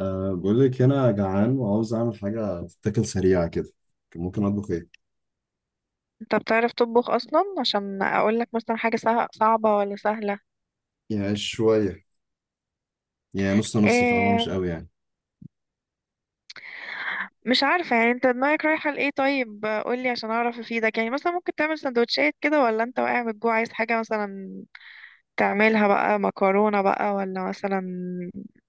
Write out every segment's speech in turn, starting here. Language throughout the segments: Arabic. أه بقول لك أنا جعان وعاوز أعمل حاجة تتاكل سريعة كده. ممكن أطبخ إيه؟ انت بتعرف تطبخ اصلا؟ عشان اقول لك مثلا حاجه صعبه ولا سهله. يعني شوية، يعني نص نص، فاهمة؟ مش إيه، قوي يعني. مش عارفه يعني انت دماغك رايحه لايه. طيب قول لي عشان اعرف افيدك، يعني مثلا ممكن تعمل سندوتشات كده، ولا انت واقع من الجوع عايز حاجه مثلا، تعملها بقى مكرونه بقى ولا مثلا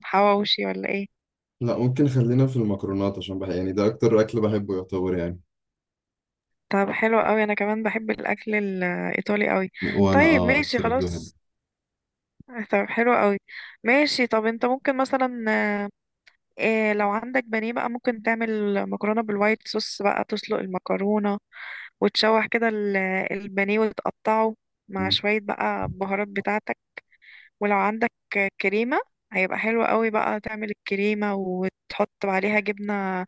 حواوشي ولا ايه؟ لا، ممكن خلينا في المكرونات عشان يعني ده أكتر أكل بحبه يعتبر يعني. طب حلو قوي، انا كمان بحب الاكل الايطالي قوي. وأنا طيب ماشي أكتر أكل بحبه. خلاص. طب حلو قوي. ماشي، طب انت ممكن مثلا، إيه، لو عندك بانيه بقى ممكن تعمل مكرونة بالوايت صوص. بقى تسلق المكرونة، وتشوح كده البانيه وتقطعه مع مم. شوية بقى البهارات بتاعتك. ولو عندك كريمة هيبقى حلو قوي، بقى تعمل الكريمة وتحط عليها جبنة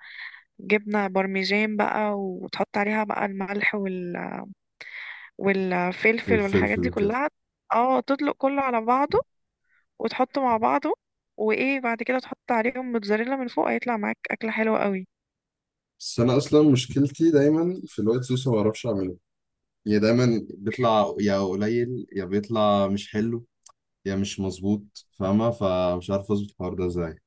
جبنة بارميجان بقى، وتحط عليها بقى الملح والفلفل والفلفل والحاجات دي وكده. كلها. اه، تطلق كله على بعضه وتحطه مع بعضه، وايه بعد كده تحط عليهم موتزاريلا من فوق، هيطلع معاك أكلة حلوة قوي. بس أنا أصلا مشكلتي دايما في الوايت صوص، ما بعرفش أعمله. يعني دايما بيطلع يا قليل، يا بيطلع مش حلو، يا مش مظبوط، فاهمة؟ فمش عارف أظبط الحوار ده إزاي.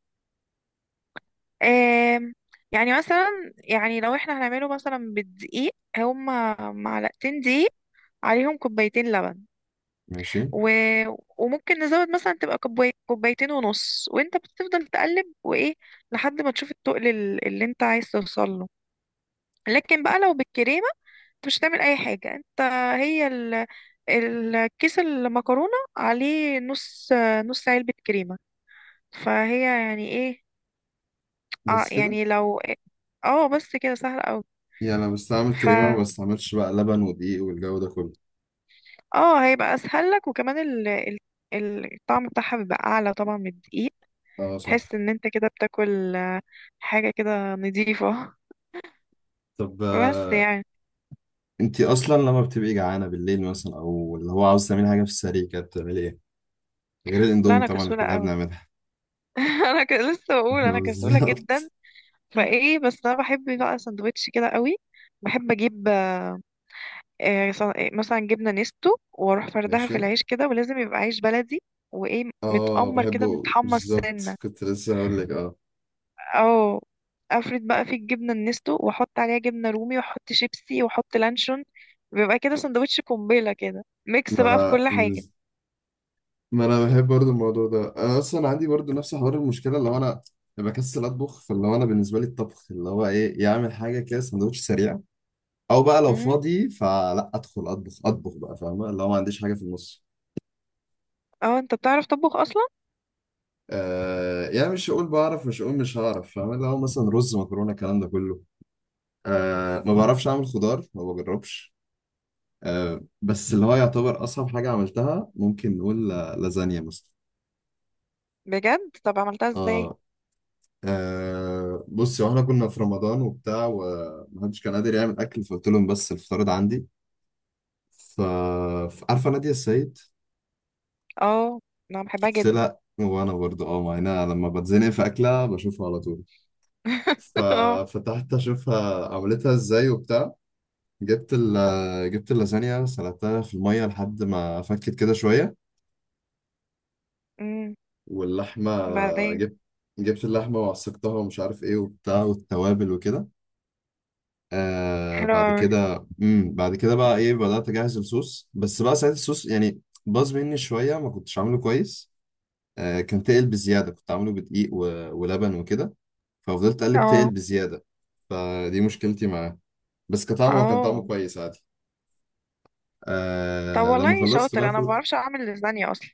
آم، يعني مثلا يعني لو احنا هنعمله مثلا بالدقيق، هما معلقتين دقيق عليهم كوبايتين لبن، ماشي. و... وممكن نزود مثلا تبقى كوبايتين ونص، وانت بتفضل تقلب وايه، لحد ما تشوف التقل اللي انت عايز توصل له. لكن بقى لو بالكريمة انت مش هتعمل اي حاجة. انت هي الكيس المكرونة عليه نص علبة كريمة، فهي يعني ايه. اه بس كده يعني لو، اه بس كده سهل يعني انا بستعمل كريمه، قوي. ما بستعملش بقى لبن ودقيق والجو ده كله. اه، هيبقى اسهل لك، وكمان الطعم بتاعها بيبقى اعلى طبعا من الدقيق. اه صح. تحس ان انت كده بتاكل حاجه كده نظيفه. طب بس يعني، انتي اصلا لما بتبقي جعانه بالليل مثلا او اللي هو عاوز تعملي حاجه في السريع كده، بتعملي ايه غير لا الاندومي انا طبعا اللي كسوله كلنا قوي. بنعملها؟ لسه بقول انا كسوله جدا. بالظبط. فايه، بس انا بحب بقى سندوتش كده قوي. بحب اجيب، مثلا جبنه نستو، واروح فردها في ماشي. العيش كده، ولازم يبقى عيش بلدي. وايه، اه متأمر كده بحبه متحمص بالظبط، سنه. كنت لسه هقول لك. اه. اه، افرد بقى في الجبنه النستو، واحط عليها جبنه رومي، واحط شيبسي، واحط لانشون. بيبقى كده سندوتش قنبله، كده ميكس ما بقى في انا كل حاجه. ما انا بحب برضو الموضوع ده. انا اصلا عندي برضو نفس حوار المشكله، اللي هو انا بكسل اطبخ. فاللي هو انا بالنسبه لي الطبخ اللي هو ايه، يعمل حاجه كده سندوتش سريع. او بقى لو امم فاضي فلا ادخل اطبخ بقى، فاهمه؟ اللي هو ما عنديش حاجه في النص. اه، انت بتعرف تطبخ اصلا؟ آه يعني مش هقول بعرف، مش هقول مش هعرف، فاهمه اللي هو مثلا رز مكرونه الكلام ده كله. آه ما بعرفش اعمل خضار، ما بجربش. آه بس اللي هو يعتبر اصعب حاجه عملتها ممكن نقول لازانيا مثلا. بجد؟ طب عملتها ازاي؟ اه. آه بصي، واحنا كنا في رمضان وبتاع، ومحدش كان قادر يعمل اكل، فقلت لهم بس الفطار ده عندي. ف عارفه نادية السيد؟ اه، انا بحبها جدا. سلق، وانا برضو اه مع انها لما بتزنق في اكلها بشوفها على طول. اه. ففتحت اشوفها عملتها ازاي وبتاع. جبت ال جبت اللازانيا، سلقتها في الميه لحد ما فكت كده شويه. امم. واللحمه بعدين. جبت جبت اللحمه وعصقتها ومش عارف ايه وبتاع، والتوابل وكده. آه حلو بعد أوي. كده، بعد كده بقى ايه، بدات اجهز الصوص، بس بقى ساعتها الصوص يعني باظ مني شويه، ما كنتش عامله كويس. آه كان تقل بزياده، كنت عامله بدقيق ولبن وكده، ففضلت اقلب، تقل اه. بزياده. فدي مشكلتي معاه. بس كطعم هو كان طعمه اه. كويس عادي. طب آه لما والله خلصت بقى شاطر، انا ما بعرفش اعمل لازانيا اصلا.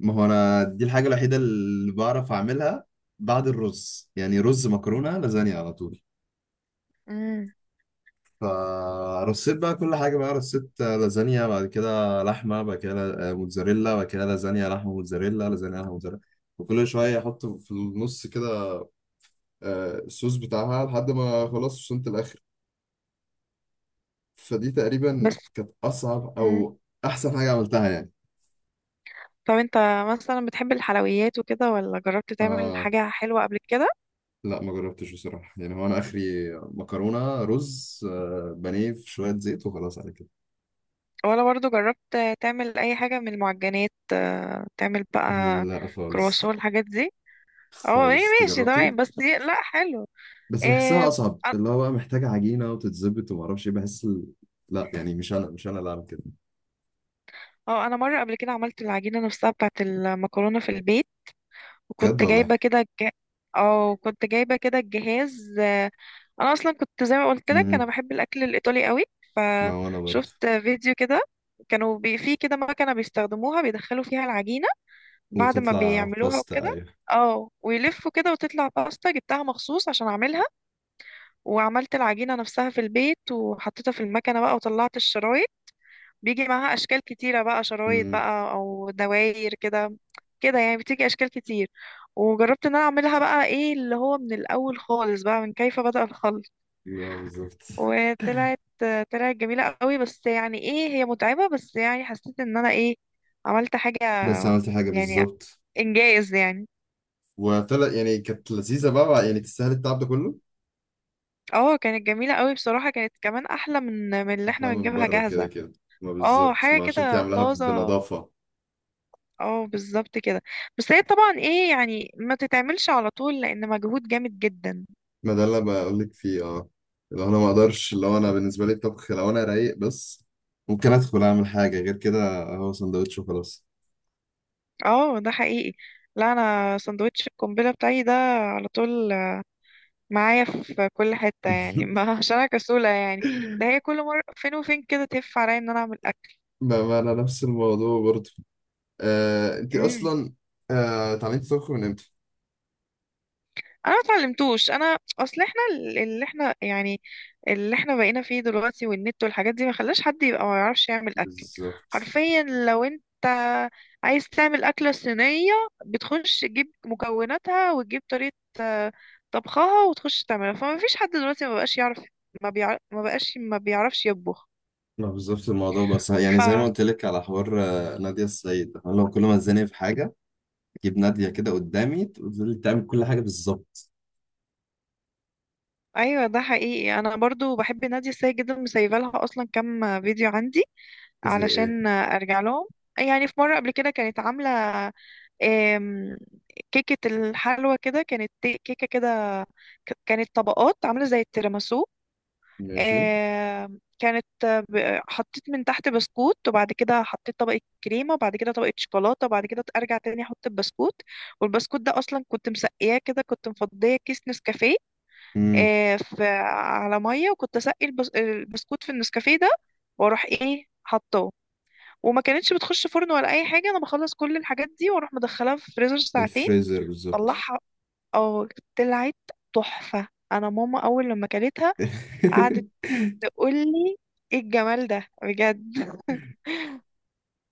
ما هو انا دي الحاجه الوحيده اللي بعرف اعملها. بعد الرز، يعني رز مكرونه لازانيا على طول. امم. فرصيت بقى كل حاجه، بقى رصيت لازانيا، بعد كده لحمه، بعد كده موتزاريلا، بعد كده لازانيا لحمه موتزاريلا لازانيا لحمه موتزاريلا. وكل شويه احط في النص كده الصوص بتاعها، لحد ما خلاص وصلت الاخر. فدي تقريبا بس. كانت اصعب امم. او احسن حاجه عملتها يعني. طب انت مثلا بتحب الحلويات وكده، ولا جربت تعمل آه حاجه حلوه قبل كده؟ لا ما جربتش بصراحه. يعني هو انا اخري مكرونه رز آه بانيه في شويه زيت وخلاص على كده. ولا برضو جربت تعمل اي حاجة من المعجنات؟ تعمل بقى لا خالص. كرواسون، الحاجات دي. اه ايه، خالص دي ماشي جربتي. تمام. بس لا، حلو. بس بحسها إيه. اصعب، اللي هو بقى محتاجه عجينه وتتظبط، وما اعرفش ايه، لا يعني مش انا اللي اعمل كده. اه، انا مرة قبل كده عملت العجينة نفسها بتاعة المكرونة في البيت. بجد وكنت والله؟ جايبة كده كنت جايبة كده الجهاز، انا اصلا كنت زي ما قلت لك، انا امم. بحب الاكل الايطالي قوي. ما هو انا برضه. فشفت فيديو كده، كانوا في كده مكنة بيستخدموها، بيدخلوا فيها العجينة بعد ما وتطلع بيعملوها باستا، وكده. ايوه. اه، ويلفوا كده وتطلع باستا. جبتها مخصوص عشان اعملها، وعملت العجينة نفسها في البيت، وحطيتها في المكنة بقى وطلعت الشرايط. بيجي معاها اشكال كتيرة بقى، شرايط امم. بقى او دواير كده. كده يعني بتيجي اشكال كتير. وجربت ان انا اعملها بقى، ايه اللي هو من الاول خالص بقى، من كيف بدأ الخلق. لا بالظبط. وطلعت جميلة قوي، بس يعني ايه هي متعبة. بس يعني حسيت ان انا ايه، عملت حاجة بس عملت حاجه يعني، بالظبط. انجاز يعني. وطلع يعني كانت لذيذة بقى يعني، تستاهل التعب ده كله؟ اه، كانت جميلة قوي بصراحة. كانت كمان أحلى من اللي أحلى احنا من بنجيبها بره كده جاهزة. كده. ما اه، بالظبط، حاجة ما عشان كده عاملاها طازة. بنظافة. اه بالظبط كده. بس هي طبعا ايه يعني، ما تتعملش على طول لأن مجهود جامد جدا. ما ده اللي أنا بقول لك فيه. اه لو أنا ما أقدرش، لو أنا بالنسبة لي الطبخ لو أنا رايق بس ممكن أدخل أعمل حاجة، غير كده هو سندوتش وخلاص. اه، ده حقيقي. لا، أنا سندوتش القنبلة بتاعي ده على طول معايا في كل حتة يعني. ما عشان أنا كسولة يعني. ده هي كل مرة فين وفين كده تهف عليا إن أنا أعمل أكل. ما أنا نفس الموضوع برضه. آه أنت مم. أصلا آه اتعلمتي تطبخي من إمتى؟ انا ما اتعلمتوش. انا اصل احنا اللي احنا بقينا فيه دلوقتي والنت والحاجات دي، ما خلاش حد يبقى ما يعرفش يعمل اكل. بالظبط. حرفيا لو انت عايز تعمل اكله صينيه، بتخش تجيب مكوناتها وتجيب طريقه آه، طبخها وتخش تعملها، فما فيش حد دلوقتي ما بقاش يعرف. ما بيعرف، ما بقاش ما بيعرفش يطبخ. ما بالظبط الموضوع، بس يعني ف. زي ما قلت لك على حوار نادية السيد. أنا لو كل ما اتزنق في حاجة جيب نادية كده قدامي تقول لي تعمل كل حاجة بالظبط. ايوه، ده حقيقي. انا برضو بحب نادية السيد جدا، مسيبه لها اصلا كام فيديو عندي زي ايه؟ علشان ارجع لهم. يعني في مرة قبل كده كانت عاملة آم، كيكة الحلوى كده، كانت كانت طبقات عاملة زي التيراميسو. ماشي. آم، كانت حطيت من تحت بسكوت، وبعد كده حطيت طبقة كريمة، وبعد كده طبقة شوكولاتة، وبعد كده أرجع تاني أحط البسكوت. والبسكوت ده أصلا كنت مسقياه كده، كنت مفضية كيس نسكافيه امم. في على مية، وكنت أسقي البسكوت في النسكافيه ده، وأروح إيه، حطه. وما كانتش بتخش فرن ولا اي حاجه. انا بخلص كل الحاجات دي واروح مدخلها في فريزر ساعتين. الفريزر بالظبط. طلعها، اه طلعت تحفه. انا ماما اول لما كلتها قعدت تقول لي ايه الجمال ده بجد.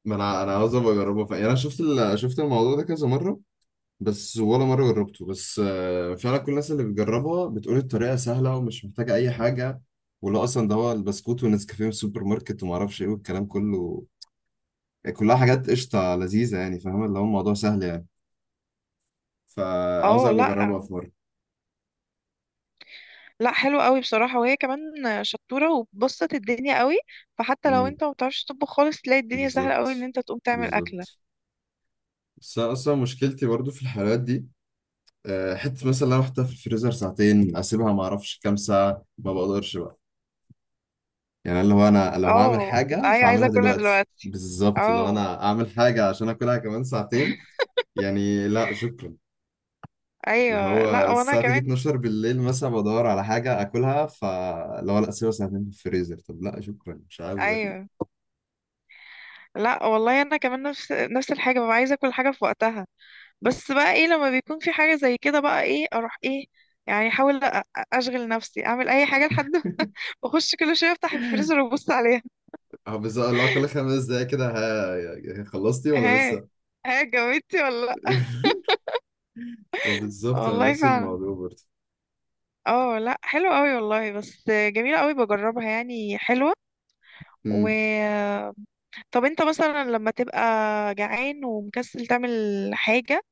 ما انا انا عاوز ابقى اجربها فعلا. يعني انا شفت شفت الموضوع ده كذا مره بس ولا مره جربته. بس فعلا كل الناس اللي بتجربها بتقول الطريقه سهله ومش محتاجه اي حاجه، ولا اصلا ده هو البسكوت والنسكافيه من السوبر ماركت وما اعرفش ايه والكلام كله. يعني كلها حاجات قشطه لذيذه يعني، فاهم اللي هو الموضوع سهل يعني. فعاوز اه، ابقى لا اجربها في لا حلو قوي بصراحه. وهي كمان شطوره وبسطت الدنيا قوي. فحتى لو مره. انت ما بتعرفش تطبخ خالص، تلاقي الدنيا سهله قوي ان بالظبط. انت تقوم تعمل اكله. بالظبط. بس أنا اصلا مشكلتي برضو في الحلويات دي. حته مثلا لو احطها في الفريزر ساعتين، اسيبها ما اعرفش كام ساعه، ما بقدرش بقى. يعني اللي هو انا لو هعمل اه حاجه ايوه، عايزه فاعملها اكلها دلوقتي دلوقتي. بالظبط، لو اه انا اعمل حاجه عشان اكلها كمان ساعتين يعني لا شكرا. اللي ايوه، هو لا وانا الساعه تيجي كمان. 12 بالليل مثلا، بدور على حاجه اكلها، فاللي هو لا اسيبها ساعتين في الفريزر؟ طب لا شكرا مش عاوز اكل. ايوه لا، والله انا كمان نفس نفس الحاجه، ببقى عايزه كل حاجه في وقتها. بس بقى ايه لما بيكون في حاجه زي كده بقى، ايه اروح ايه يعني، احاول اشغل نفسي، اعمل اي حاجه لحد ما، اخش كل شويه افتح الفريزر وابص عليها. اه بالظبط، اللي هو كل 5 دقايق كده، ها يعني خلصتي ولا ها، لسه؟ ها جاوبتي ولا لا؟ وبالظبط انا والله نفس فعلا. الموضوع برضه. اه لا، حلو قوي والله، بس جميله قوي بجربها يعني حلوه. و، امم. طب انت مثلا لما تبقى جعان ومكسل تعمل حاجه،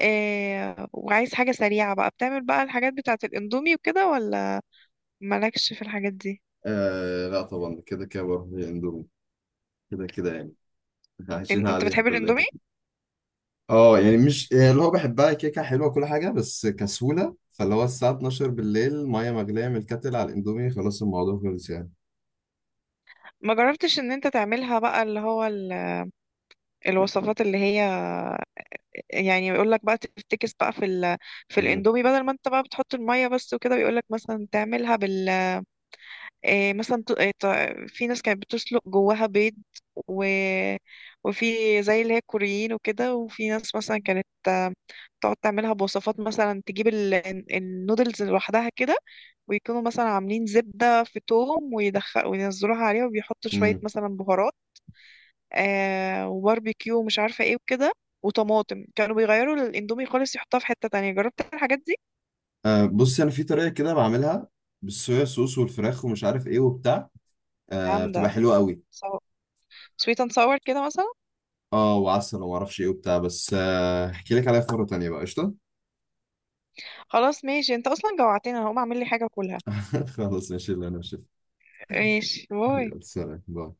إيه، وعايز حاجه سريعه بقى، بتعمل بقى الحاجات بتاعه الاندومي وكده، ولا مالكش في الحاجات دي؟ آه لا طبعا كده كده بروح للاندومي، كده كده يعني. عايشين انت عليها بتحب كلنا. الاندومي؟ اه يعني مش يعني اللي هو بحبها، كيكه حلوه كل حاجه، بس كسوله، فاللي هو الساعه 12 بالليل ميه مغليه من الكاتل على الاندومي، خلاص الموضوع خلص يعني. ما جربتش ان انت تعملها بقى اللي هو الوصفات اللي هي، يعني يقول لك بقى تفتكس بقى في في امم. الاندومي بدل ما انت بقى بتحط الميه بس وكده. بيقول لك مثلا تعملها بال، إيه مثلا ت... إيه ت... في ناس كانت بتسلق جواها بيض، و... وفي زي اللي هي الكوريين وكده، وفي ناس مثلا كانت تقعد تعملها بوصفات، مثلا تجيب النودلز لوحدها كده، ويكونوا مثلا عاملين زبدة في توم، ويدخل وينزلوها عليها، وبيحطوا شوية امم. مثلا بهارات، وباربيكيو ومش عارفة ايه وكده وطماطم، كانوا بيغيروا الاندومي خالص يحطها في حتة تانية. جربت الحاجات دي؟ آه بصي انا في طريقه كده بعملها، بالصويا صوص والفراخ ومش عارف ايه وبتاع، آه بتبقى جامدة، حلوه قوي. سويت اند ساور كده مثلا. اه وعسل وما اعرفش ايه وبتاع، بس احكي لك عليها في مره تانيه بقى قشطه. خلاص ماشي، انت اصلا جوعتني، انا هقوم اعمل لي حاجة اكلها. خلاص ماشي، اللي انا ماشي، باي. يلا سلام باي.